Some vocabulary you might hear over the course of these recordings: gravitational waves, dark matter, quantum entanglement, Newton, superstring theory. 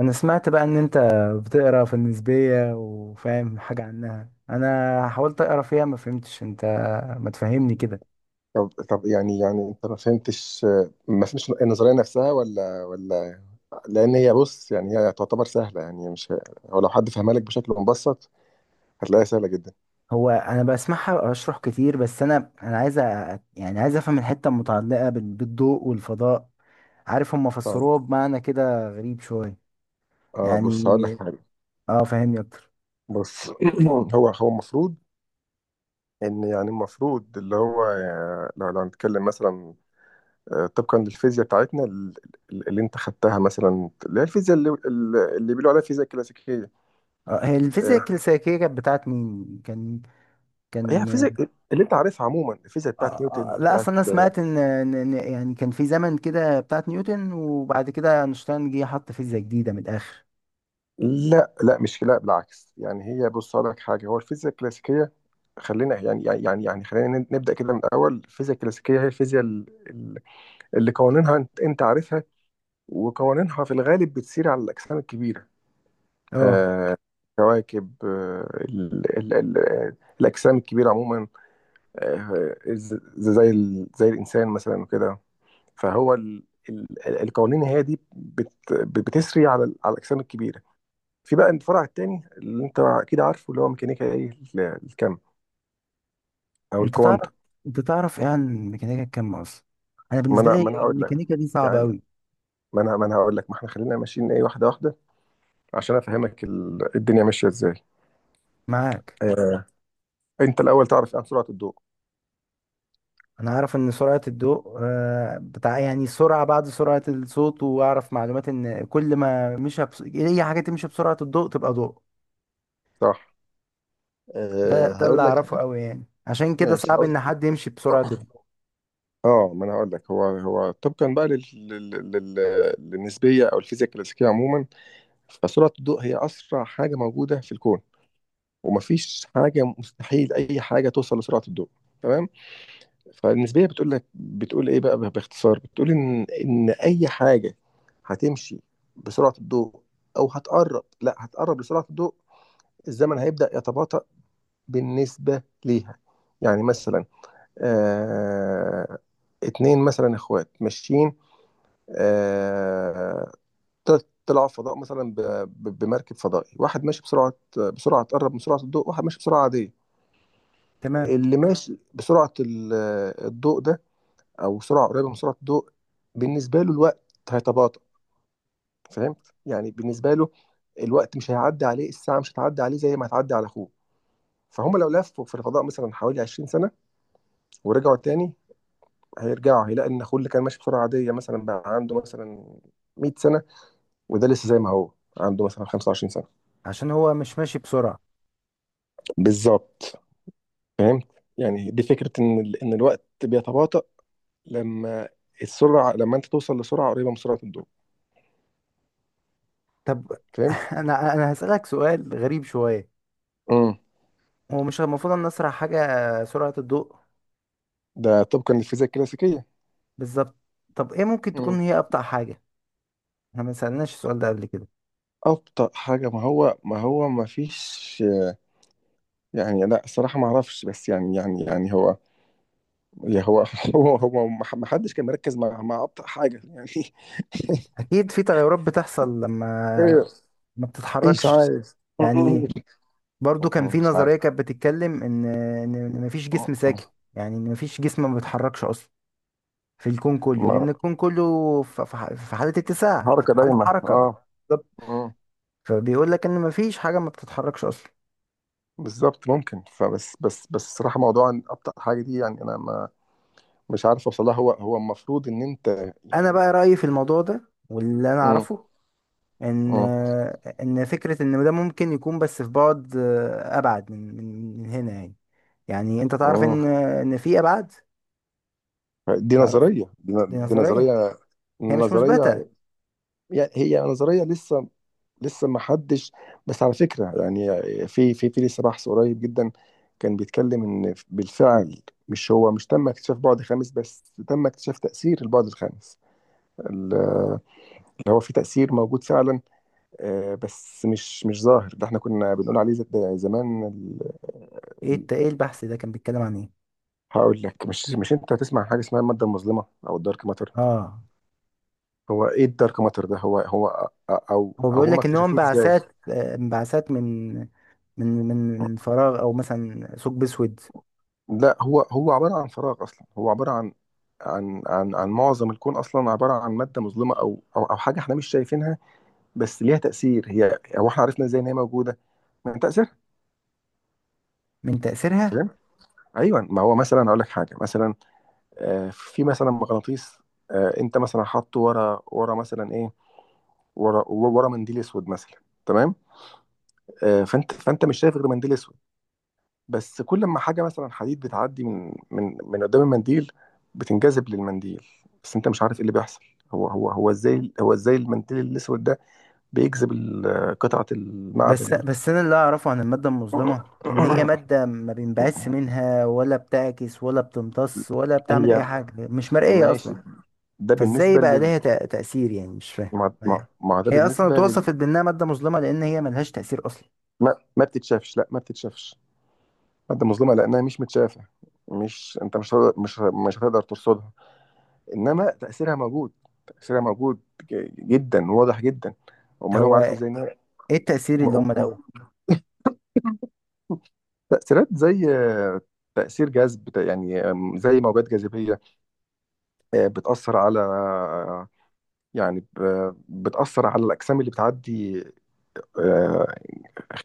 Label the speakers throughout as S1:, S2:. S1: انا سمعت بقى ان انت بتقرا في النسبية وفاهم حاجة عنها. انا حاولت اقرا فيها ما فهمتش. انت ما تفهمني كده؟
S2: طب، يعني انت ما فهمتش؟ ما فهمتش النظريه نفسها ولا؟ لان هي بص، يعني هي تعتبر سهله، يعني مش، هو لو حد فهمها لك بشكل مبسط هتلاقيها سهله جدا.
S1: هو انا بسمعها اشرح كتير، بس انا انا عايز يعني افهم الحتة المتعلقة بالضوء والفضاء. عارف، هم
S2: طيب،
S1: فسروها بمعنى كده غريب شوية
S2: اه بص هقول لك
S1: يعني.
S2: حاجه.
S1: اه، فهمني اكتر.
S2: بص هو المفروض ان، يعني المفروض اللي هو لو هنتكلم مثلا، طبقا للفيزياء بتاعتنا اللي انت خدتها مثلا، اللي هي الفيزياء اللي بيقولوا عليها فيزياء كلاسيكيه.
S1: آه، هي الفيزياء
S2: آه،
S1: الكلاسيكية كانت بتاعت مين كان
S2: هي
S1: كان
S2: فيزياء اللي انت عارفها عموما، الفيزياء
S1: آه،
S2: بتاعت
S1: آه،
S2: نيوتن
S1: لا
S2: بتاعت.
S1: اصل انا سمعت ان إن- إن يعني كان في زمن كده بتاعت نيوتن، وبعد كده اينشتاين جه حط فيزياء جديده من الاخر.
S2: لا مش، لا بالعكس، يعني هي بص أقول لك حاجه، هو الفيزياء الكلاسيكيه، خلينا، يعني خلينا نبدا كده من الاول. الفيزياء الكلاسيكيه هي الفيزياء اللي قوانينها انت عارفها، وقوانينها في الغالب بتسير على الاجسام الكبيره.
S1: اه،
S2: آه، كواكب، آه، ال ال ال الاجسام الكبيره عموما. آه، زي زي الانسان مثلا وكده. فهو القوانين هي دي بتسري على على الاجسام الكبيره. في بقى الفرع التاني اللي انت اكيد عارفه، اللي هو ميكانيكا ايه، الكم او
S1: انت تعرف
S2: الكوانتم.
S1: انت تعرف ايه عن ميكانيكا الكم اصلا؟ انا
S2: ما
S1: بالنسبه
S2: انا ما
S1: لي
S2: انا هقول لك،
S1: الميكانيكا دي صعبه
S2: يعني
S1: قوي.
S2: ما انا هقول لك، ما احنا خلينا ماشيين ايه، واحده واحده، عشان افهمك الدنيا ماشيه ازاي.
S1: معاك.
S2: آه. انت الاول تعرف عن سرعه الضوء؟
S1: انا اعرف ان سرعه الضوء بتاع، يعني سرعه بعد سرعه الصوت، واعرف معلومات ان كل ما مشى بس، اي حاجه تمشي بسرعه الضوء تبقى ضوء.
S2: صح. آه.
S1: ده اللي
S2: هقول
S1: اعرفه
S2: لك.
S1: قوي، يعني عشان كده
S2: ماشي،
S1: صعب
S2: هقول.
S1: ان حد يمشي بسرعه الضوء.
S2: اه ما انا هقول لك، هو طبقا بقى للنسبيه او الفيزياء الكلاسيكيه عموما، فسرعه الضوء هي اسرع حاجه موجوده في الكون، ومفيش حاجه، مستحيل اي حاجه توصل لسرعه الضوء. تمام؟ فالنسبيه بتقول لك، بتقول ايه بقى باختصار، بتقول ان اي حاجه هتمشي بسرعه الضوء او هتقرب، لا هتقرب لسرعه الضوء، الزمن هيبدا يتباطأ بالنسبه ليها. يعني مثلا، آه، اتنين مثلا اخوات ماشيين، آه، طلعوا فضاء مثلا بمركب فضائي، واحد ماشي بسرعه، بسرعه تقرب من سرعه الضوء، واحد ماشي بسرعه عاديه.
S1: تمام،
S2: اللي ماشي بسرعه الضوء ده، او سرعه قريبه من سرعه الضوء، بالنسبه له الوقت هيتباطأ. فاهم؟ يعني بالنسبه له الوقت مش هيعدي عليه، الساعه مش هتعدي عليه زي ما هتعدي على اخوه. فهم لو لفوا في الفضاء مثلا حوالي 20 سنه ورجعوا تاني، هيرجعوا هيلاقي ان اخوه اللي كان ماشي بسرعه عاديه مثلا بقى عنده مثلا 100 سنه، وده لسه زي ما هو عنده مثلا 25 سنه.
S1: عشان هو مش ماشي بسرعه.
S2: بالظبط. فاهم؟ يعني دي فكره ان ان الوقت بيتباطأ لما السرعه، لما انت توصل لسرعه قريبه من سرعه الضوء.
S1: طب،
S2: فاهم؟
S1: انا هسألك سؤال غريب شوية.
S2: امم
S1: هو مش المفروض ان اسرع حاجة سرعة الضوء؟
S2: ده طبقا للفيزياء الكلاسيكيه.
S1: بالظبط. طب ايه ممكن
S2: مم.
S1: تكون هي ابطأ حاجة؟ احنا ما سألناش السؤال ده قبل كده؟
S2: أبطأ حاجة، ما هو ما فيش، يعني لا صراحة ما أعرفش، بس يعني هو، يا هو هو ما حدش كان مركز مع أبطأ حاجة يعني.
S1: اكيد في تغيرات بتحصل لما
S2: إيه؟
S1: ما
S2: إيش
S1: بتتحركش.
S2: عايز؟
S1: يعني برضو كان في
S2: مش عارف.
S1: نظرية كانت بتتكلم ان مفيش
S2: آه،
S1: جسم ساكن،
S2: آه.
S1: يعني ان مفيش جسم ما بيتحركش اصلا في الكون كله، لان
S2: ما-
S1: الكون كله في حالة اتساع، في
S2: حركة
S1: حالة
S2: دايمة،
S1: حركة.
S2: أه.
S1: بالظبط،
S2: مم.
S1: فبيقول لك ان مفيش حاجة ما بتتحركش اصلا.
S2: بالظبط، ممكن، فبس بس بس الصراحة موضوع إن أبطأ حاجة دي، يعني أنا ما، مش عارف أوصلها. هو هو المفروض إن أنت،
S1: انا
S2: يعني.
S1: بقى رايي في الموضوع ده واللي انا
S2: مم.
S1: اعرفه، ان ان فكره ان ده ممكن يكون بس في بعد، ابعد من هنا يعني. يعني انت تعرف
S2: مم.
S1: ان في ابعاد.
S2: دي
S1: تعرف؟
S2: نظرية،
S1: دي
S2: دي
S1: نظريه
S2: نظرية،
S1: هي مش مثبته.
S2: نظرية. يعني هي نظرية لسه، لسه ما حدش. بس على فكرة يعني، في لسه بحث قريب جدا كان بيتكلم ان بالفعل، مش هو مش تم اكتشاف بعد خامس، بس تم اكتشاف تأثير البعد الخامس، ال- اللي هو في تأثير موجود فعلا. آه، بس مش ظاهر. ده احنا كنا بنقول عليه زمان ال-
S1: ايه البحث ده كان بيتكلم عن ايه؟
S2: هقول لك. مش، مش انت هتسمع عن حاجة اسمها المادة المظلمة او الدارك ماتر.
S1: اه،
S2: هو ايه الدارك ماتر ده؟ هو هو او
S1: هو
S2: او
S1: بيقول
S2: هم
S1: لك ان هو
S2: اكتشفوه ازاي؟
S1: انبعاثات، انبعاثات من فراغ او مثلا ثقب اسود.
S2: لا، هو هو عباره عن فراغ اصلا. هو عباره عن، عن معظم الكون اصلا عباره عن ماده مظلمه، او حاجه احنا مش شايفينها، بس ليها تاثير. هي، هو احنا عرفنا ازاي ان هي موجوده؟ من تاثيرها.
S1: من تاثيرها.
S2: فاهم؟ ايوه، ما هو مثلا اقول لك حاجه مثلا، آه، في مثلا مغناطيس، آه، انت مثلا حاطه ورا مثلا ايه، ورا منديل اسود مثلا. تمام؟ آه، فانت مش شايف غير منديل اسود، بس كل ما حاجة مثلا حديد بتعدي من من قدام المنديل، بتنجذب للمنديل، بس انت مش عارف ايه اللي بيحصل. هو ازاي، هو ازاي المنديل الاسود ده بيجذب قطعة المعدن
S1: بس
S2: دي؟
S1: بس انا اللي اعرفه عن الماده المظلمه، ان هي ماده ما بينبعث منها ولا بتعكس ولا بتمتص ولا بتعمل
S2: هي،
S1: اي حاجه، مش مرئيه
S2: ماشي،
S1: اصلا.
S2: ده
S1: فازاي
S2: بالنسبة
S1: بقى
S2: لل،
S1: ليها تاثير؟ يعني مش فاهم.
S2: مع مع مع ده
S1: هي اصلا
S2: بالنسبة لل.
S1: اتوصفت بانها ماده مظلمه لان هي ملهاش تاثير اصلا.
S2: ما بتتشافش، لا ما بتتشافش. مادة مظلمة لأنها مش متشافة، مش، انت مش مش هتقدر ترصدها، انما تأثيرها موجود، تأثيرها موجود، جدا، واضح جدا. امال هم
S1: هو
S2: عارفوا ازاي؟
S1: ايه التاثير اللي
S2: م-
S1: هم لقوه؟
S2: م- تأثيرات زي، آه، تأثير جذب يعني، آم، زي موجات جاذبية، آه، بتأثر على، يعني بتأثر على الأجسام اللي بتعدي، آه،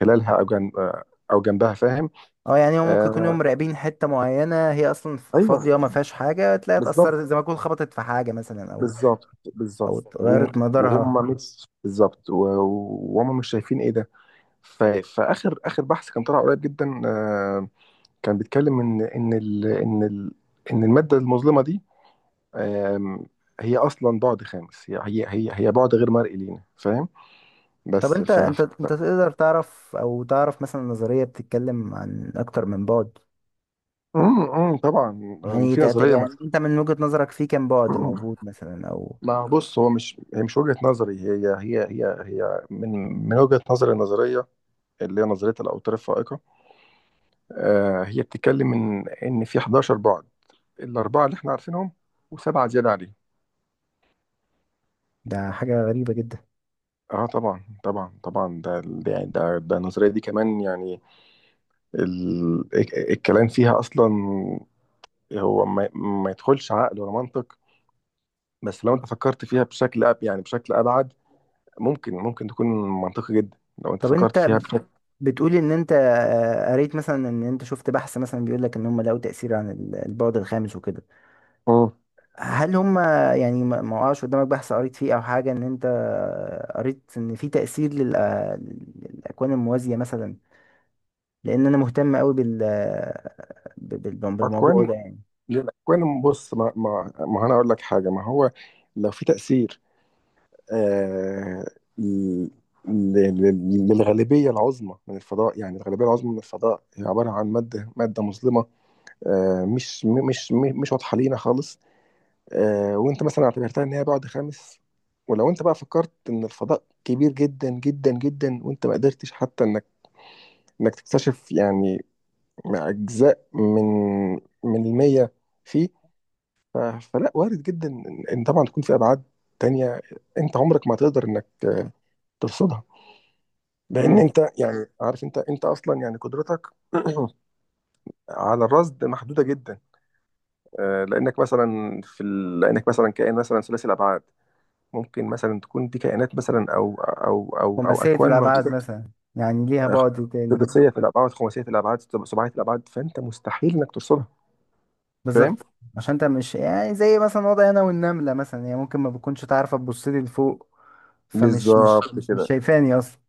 S2: خلالها أو آه، أو جنبها. فاهم؟
S1: اه، يعني هم ممكن يكونوا
S2: آه،
S1: مراقبين حته معينه هي اصلا
S2: أيوه.
S1: فاضيه، ما فيهاش حاجه، تلاقيها
S2: بالظبط
S1: اتاثرت زي ما تكون خبطت في حاجه مثلا، او
S2: بالظبط بالظبط،
S1: او اتغيرت مدارها.
S2: وهم مش شايفين إيه ده. فآخر، آخر بحث كان طلع قريب جدا، آه، كان بيتكلم إن إن المادة المظلمة دي، آم، هي اصلا بعد خامس. هي بعد غير مرئي لينا. فاهم؟
S1: طب
S2: بس
S1: انت انت انت تقدر تعرف، او تعرف مثلا، نظرية بتتكلم عن اكتر من بعد؟
S2: طبعا. آم،
S1: يعني
S2: في نظريه
S1: انت من وجهة نظرك في كام بعد موجود مثلا، او؟
S2: ما بص، هو مش، هي مش وجهه نظري، هي هي هي هي من، من وجهه نظري النظريه اللي هي نظريه الاوتار الفائقه، آه، هي بتتكلم ان في 11 بعد: الاربعه اللي احنا عارفينهم وسبعه زياده عليهم.
S1: ده حاجة غريبة جدا.
S2: اه طبعا، ده النظريه دي كمان يعني، ال... الكلام فيها اصلا هو ما يدخلش عقل ولا منطق، بس لو انت فكرت فيها بشكل يعني بشكل ابعد، ممكن تكون منطقي جدا لو انت
S1: طب
S2: فكرت
S1: انت
S2: فيها بشكل.
S1: بتقول ان انت قريت مثلا، ان انت شفت بحث مثلا بيقول لك ان هم لقوا تأثير عن البعد الخامس وكده.
S2: مم.
S1: هل هم، يعني ما وقعش قدامك بحث قريت فيه، او حاجة ان انت قريت ان في تأثير للأكوان الموازية مثلا؟ لان انا مهتم قوي بالموضوع
S2: اكوان،
S1: ده يعني.
S2: الاكوان بص، ما انا اقول لك حاجه، ما هو لو في تاثير، آه، ل- للغالبيه العظمى من الفضاء، يعني الغالبيه العظمى من الفضاء هي عباره عن ماده، ماده مظلمه، آه، مش، مش واضحه لينا خالص، آه، وانت مثلا اعتبرتها ان هي بعد خامس. ولو انت بقى فكرت ان الفضاء كبير جدا، وانت ما قدرتش حتى انك، انك تكتشف يعني مع اجزاء من المية فيه، فلا، وارد جدا ان إن طبعا تكون في ابعاد تانية. انت عمرك ما تقدر انك، آه، ترصدها، لان
S1: امم
S2: انت يعني عارف، انت اصلا يعني قدرتك على الرصد محدودة جدا. آه، لانك مثلا في لانك مثلا كائن مثلا ثلاثي الابعاد. ممكن مثلا تكون دي كائنات مثلا او
S1: خماسية
S2: اكوان
S1: الأبعاد
S2: موجوده
S1: مثلا، يعني ليها بعد تاني.
S2: سداسيه في الابعاد، خماسيه في الابعاد، سبعيه في الابعاد، فانت مستحيل انك ترصدها. فاهم؟
S1: بالظبط، عشان انت مش يعني زي مثلا وضعي أنا والنملة مثلا، هي ممكن ما بتكونش تعرف تبص لي لفوق، فمش مش
S2: بالظبط
S1: مش مش
S2: كده.
S1: شايفاني أصلا.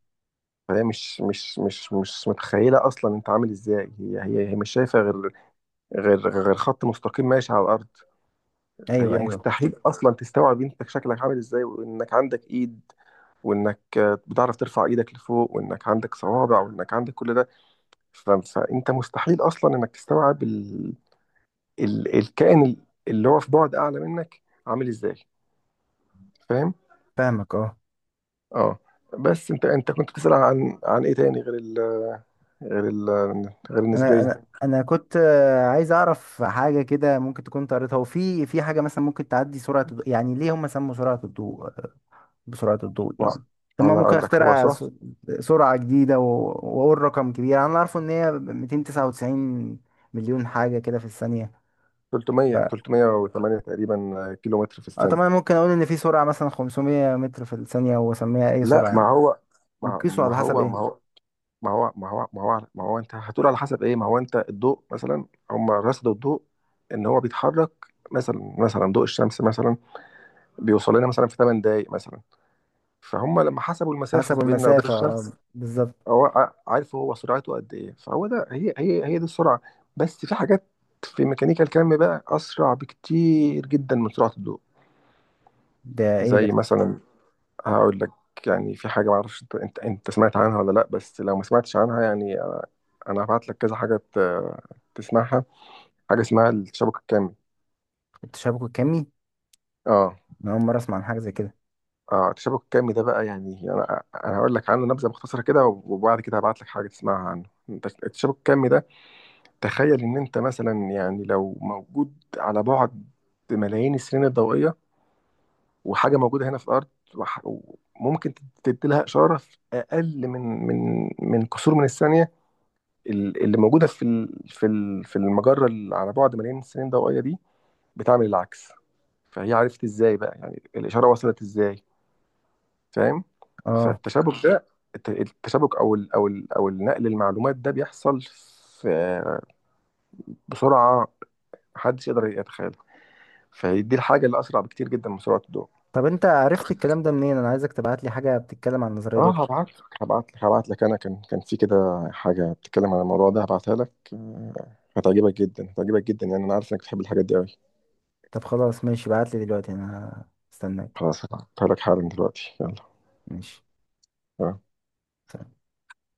S2: فهي مش متخيله اصلا انت عامل ازاي. هي مش شايفه غير، غير خط مستقيم ماشي على الارض.
S1: أيوه،
S2: فهي
S1: أيوه.
S2: مستحيل اصلا تستوعب انت شكلك عامل ازاي، وانك عندك ايد، وانك بتعرف ترفع ايدك لفوق، وانك عندك صوابع، وانك عندك كل ده. فانت مستحيل اصلا انك تستوعب الكائن اللي هو في بعد اعلى منك عامل ازاي. فاهم؟
S1: فاهمك أه.
S2: اه. بس انت كنت بتسأل عن ايه تاني غير ال غير ال غير
S1: أنا
S2: النسبية؟
S1: أنا أنا كنت عايز أعرف حاجة كده ممكن تكون أنت قريتها، وفي في حاجة مثلا ممكن تعدي سرعة الضوء؟ يعني ليه هم سموا سرعة الضوء بسرعة الضوء
S2: و-
S1: يعني؟ طب ما
S2: انا
S1: ممكن
S2: اقول لك هو
S1: اخترع
S2: صراحة
S1: سرعة جديدة واقول رقم كبير. انا عارفه ان هي 299 مليون حاجة كده في الثانية. ف...
S2: 300، 308 تقريبا كيلو متر في
S1: طب
S2: الثانية.
S1: انا ممكن اقول ان في سرعة مثلا 500 متر في الثانية واسميها اي
S2: لا
S1: سرعة يعني؟
S2: ما هو، ما
S1: بيقيسوا
S2: ما
S1: على حسب
S2: هو ما
S1: ايه؟
S2: هو ما هو ما هو ما هو, ما هو انت هتقول على حسب ايه؟ ما هو انت الضوء مثلا، هم رصدوا الضوء ان هو بيتحرك مثلا، مثلا ضوء الشمس مثلا بيوصل لنا مثلا في 8 دقايق مثلا، فهم لما حسبوا المسافة
S1: حسب
S2: بيننا وبين
S1: المسافة، اه،
S2: الشمس،
S1: بالظبط.
S2: هو ع- عارف هو سرعته قد إيه. فهو ده، هي هي هي دي السرعة. بس في حاجات في ميكانيكا الكم بقى أسرع بكتير جدا من سرعة الضوء.
S1: ده ايه ده؟
S2: زي مثلا، هقول لك، يعني في حاجة معرفش أنت أنت أنت سمعت عنها ولا لأ، بس لو ما سمعتش عنها يعني أنا هبعت لك كذا حاجة تسمعها. حاجة اسمها التشابك الكمي.
S1: التشابك الكمي؟
S2: اه.
S1: انا اول مرة اسمع عن حاجة زي كده.
S2: اه، التشابك الكمي ده بقى يعني، أنا هقول لك عنه نبذة مختصرة كده، وبعد كده هبعت لك حاجة تسمعها عنه. التشابك الكمي ده، تخيل ان انت مثلا يعني لو موجود على بعد ملايين السنين الضوئية، وحاجة موجودة هنا في الأرض، وح- وممكن تدي لها إشارة في أقل من كسور من الثانية، اللي موجودة في في المجرة اللي على بعد ملايين السنين الضوئية دي، بتعمل العكس. فهي عرفت ازاي بقى يعني الإشارة وصلت ازاي؟ فاهم؟
S1: اه،
S2: فالتشابك ده، التشابك او النقل المعلومات ده بيحصل في، بسرعة محدش يقدر يتخيل. فدي الحاجة اللي أسرع بكتير جدا من سرعة الضوء.
S1: طب انت عرفت الكلام ده منين؟ انا عايزك تبعت لي حاجة بتتكلم عن النظرية دي
S2: اه
S1: اكتر.
S2: هبعت لك، انا كان، كان في كده حاجه بتتكلم عن الموضوع ده هبعتها لك، آه، هتعجبك جدا، هتعجبك جدا يعني، انا عارف انك بتحب الحاجات دي قوي.
S1: طب خلاص، ماشي، بعت لي دلوقتي، انا هستناك.
S2: خلاص هبعتها لك حالا دلوقتي، يلا.
S1: ماشي.
S2: آه.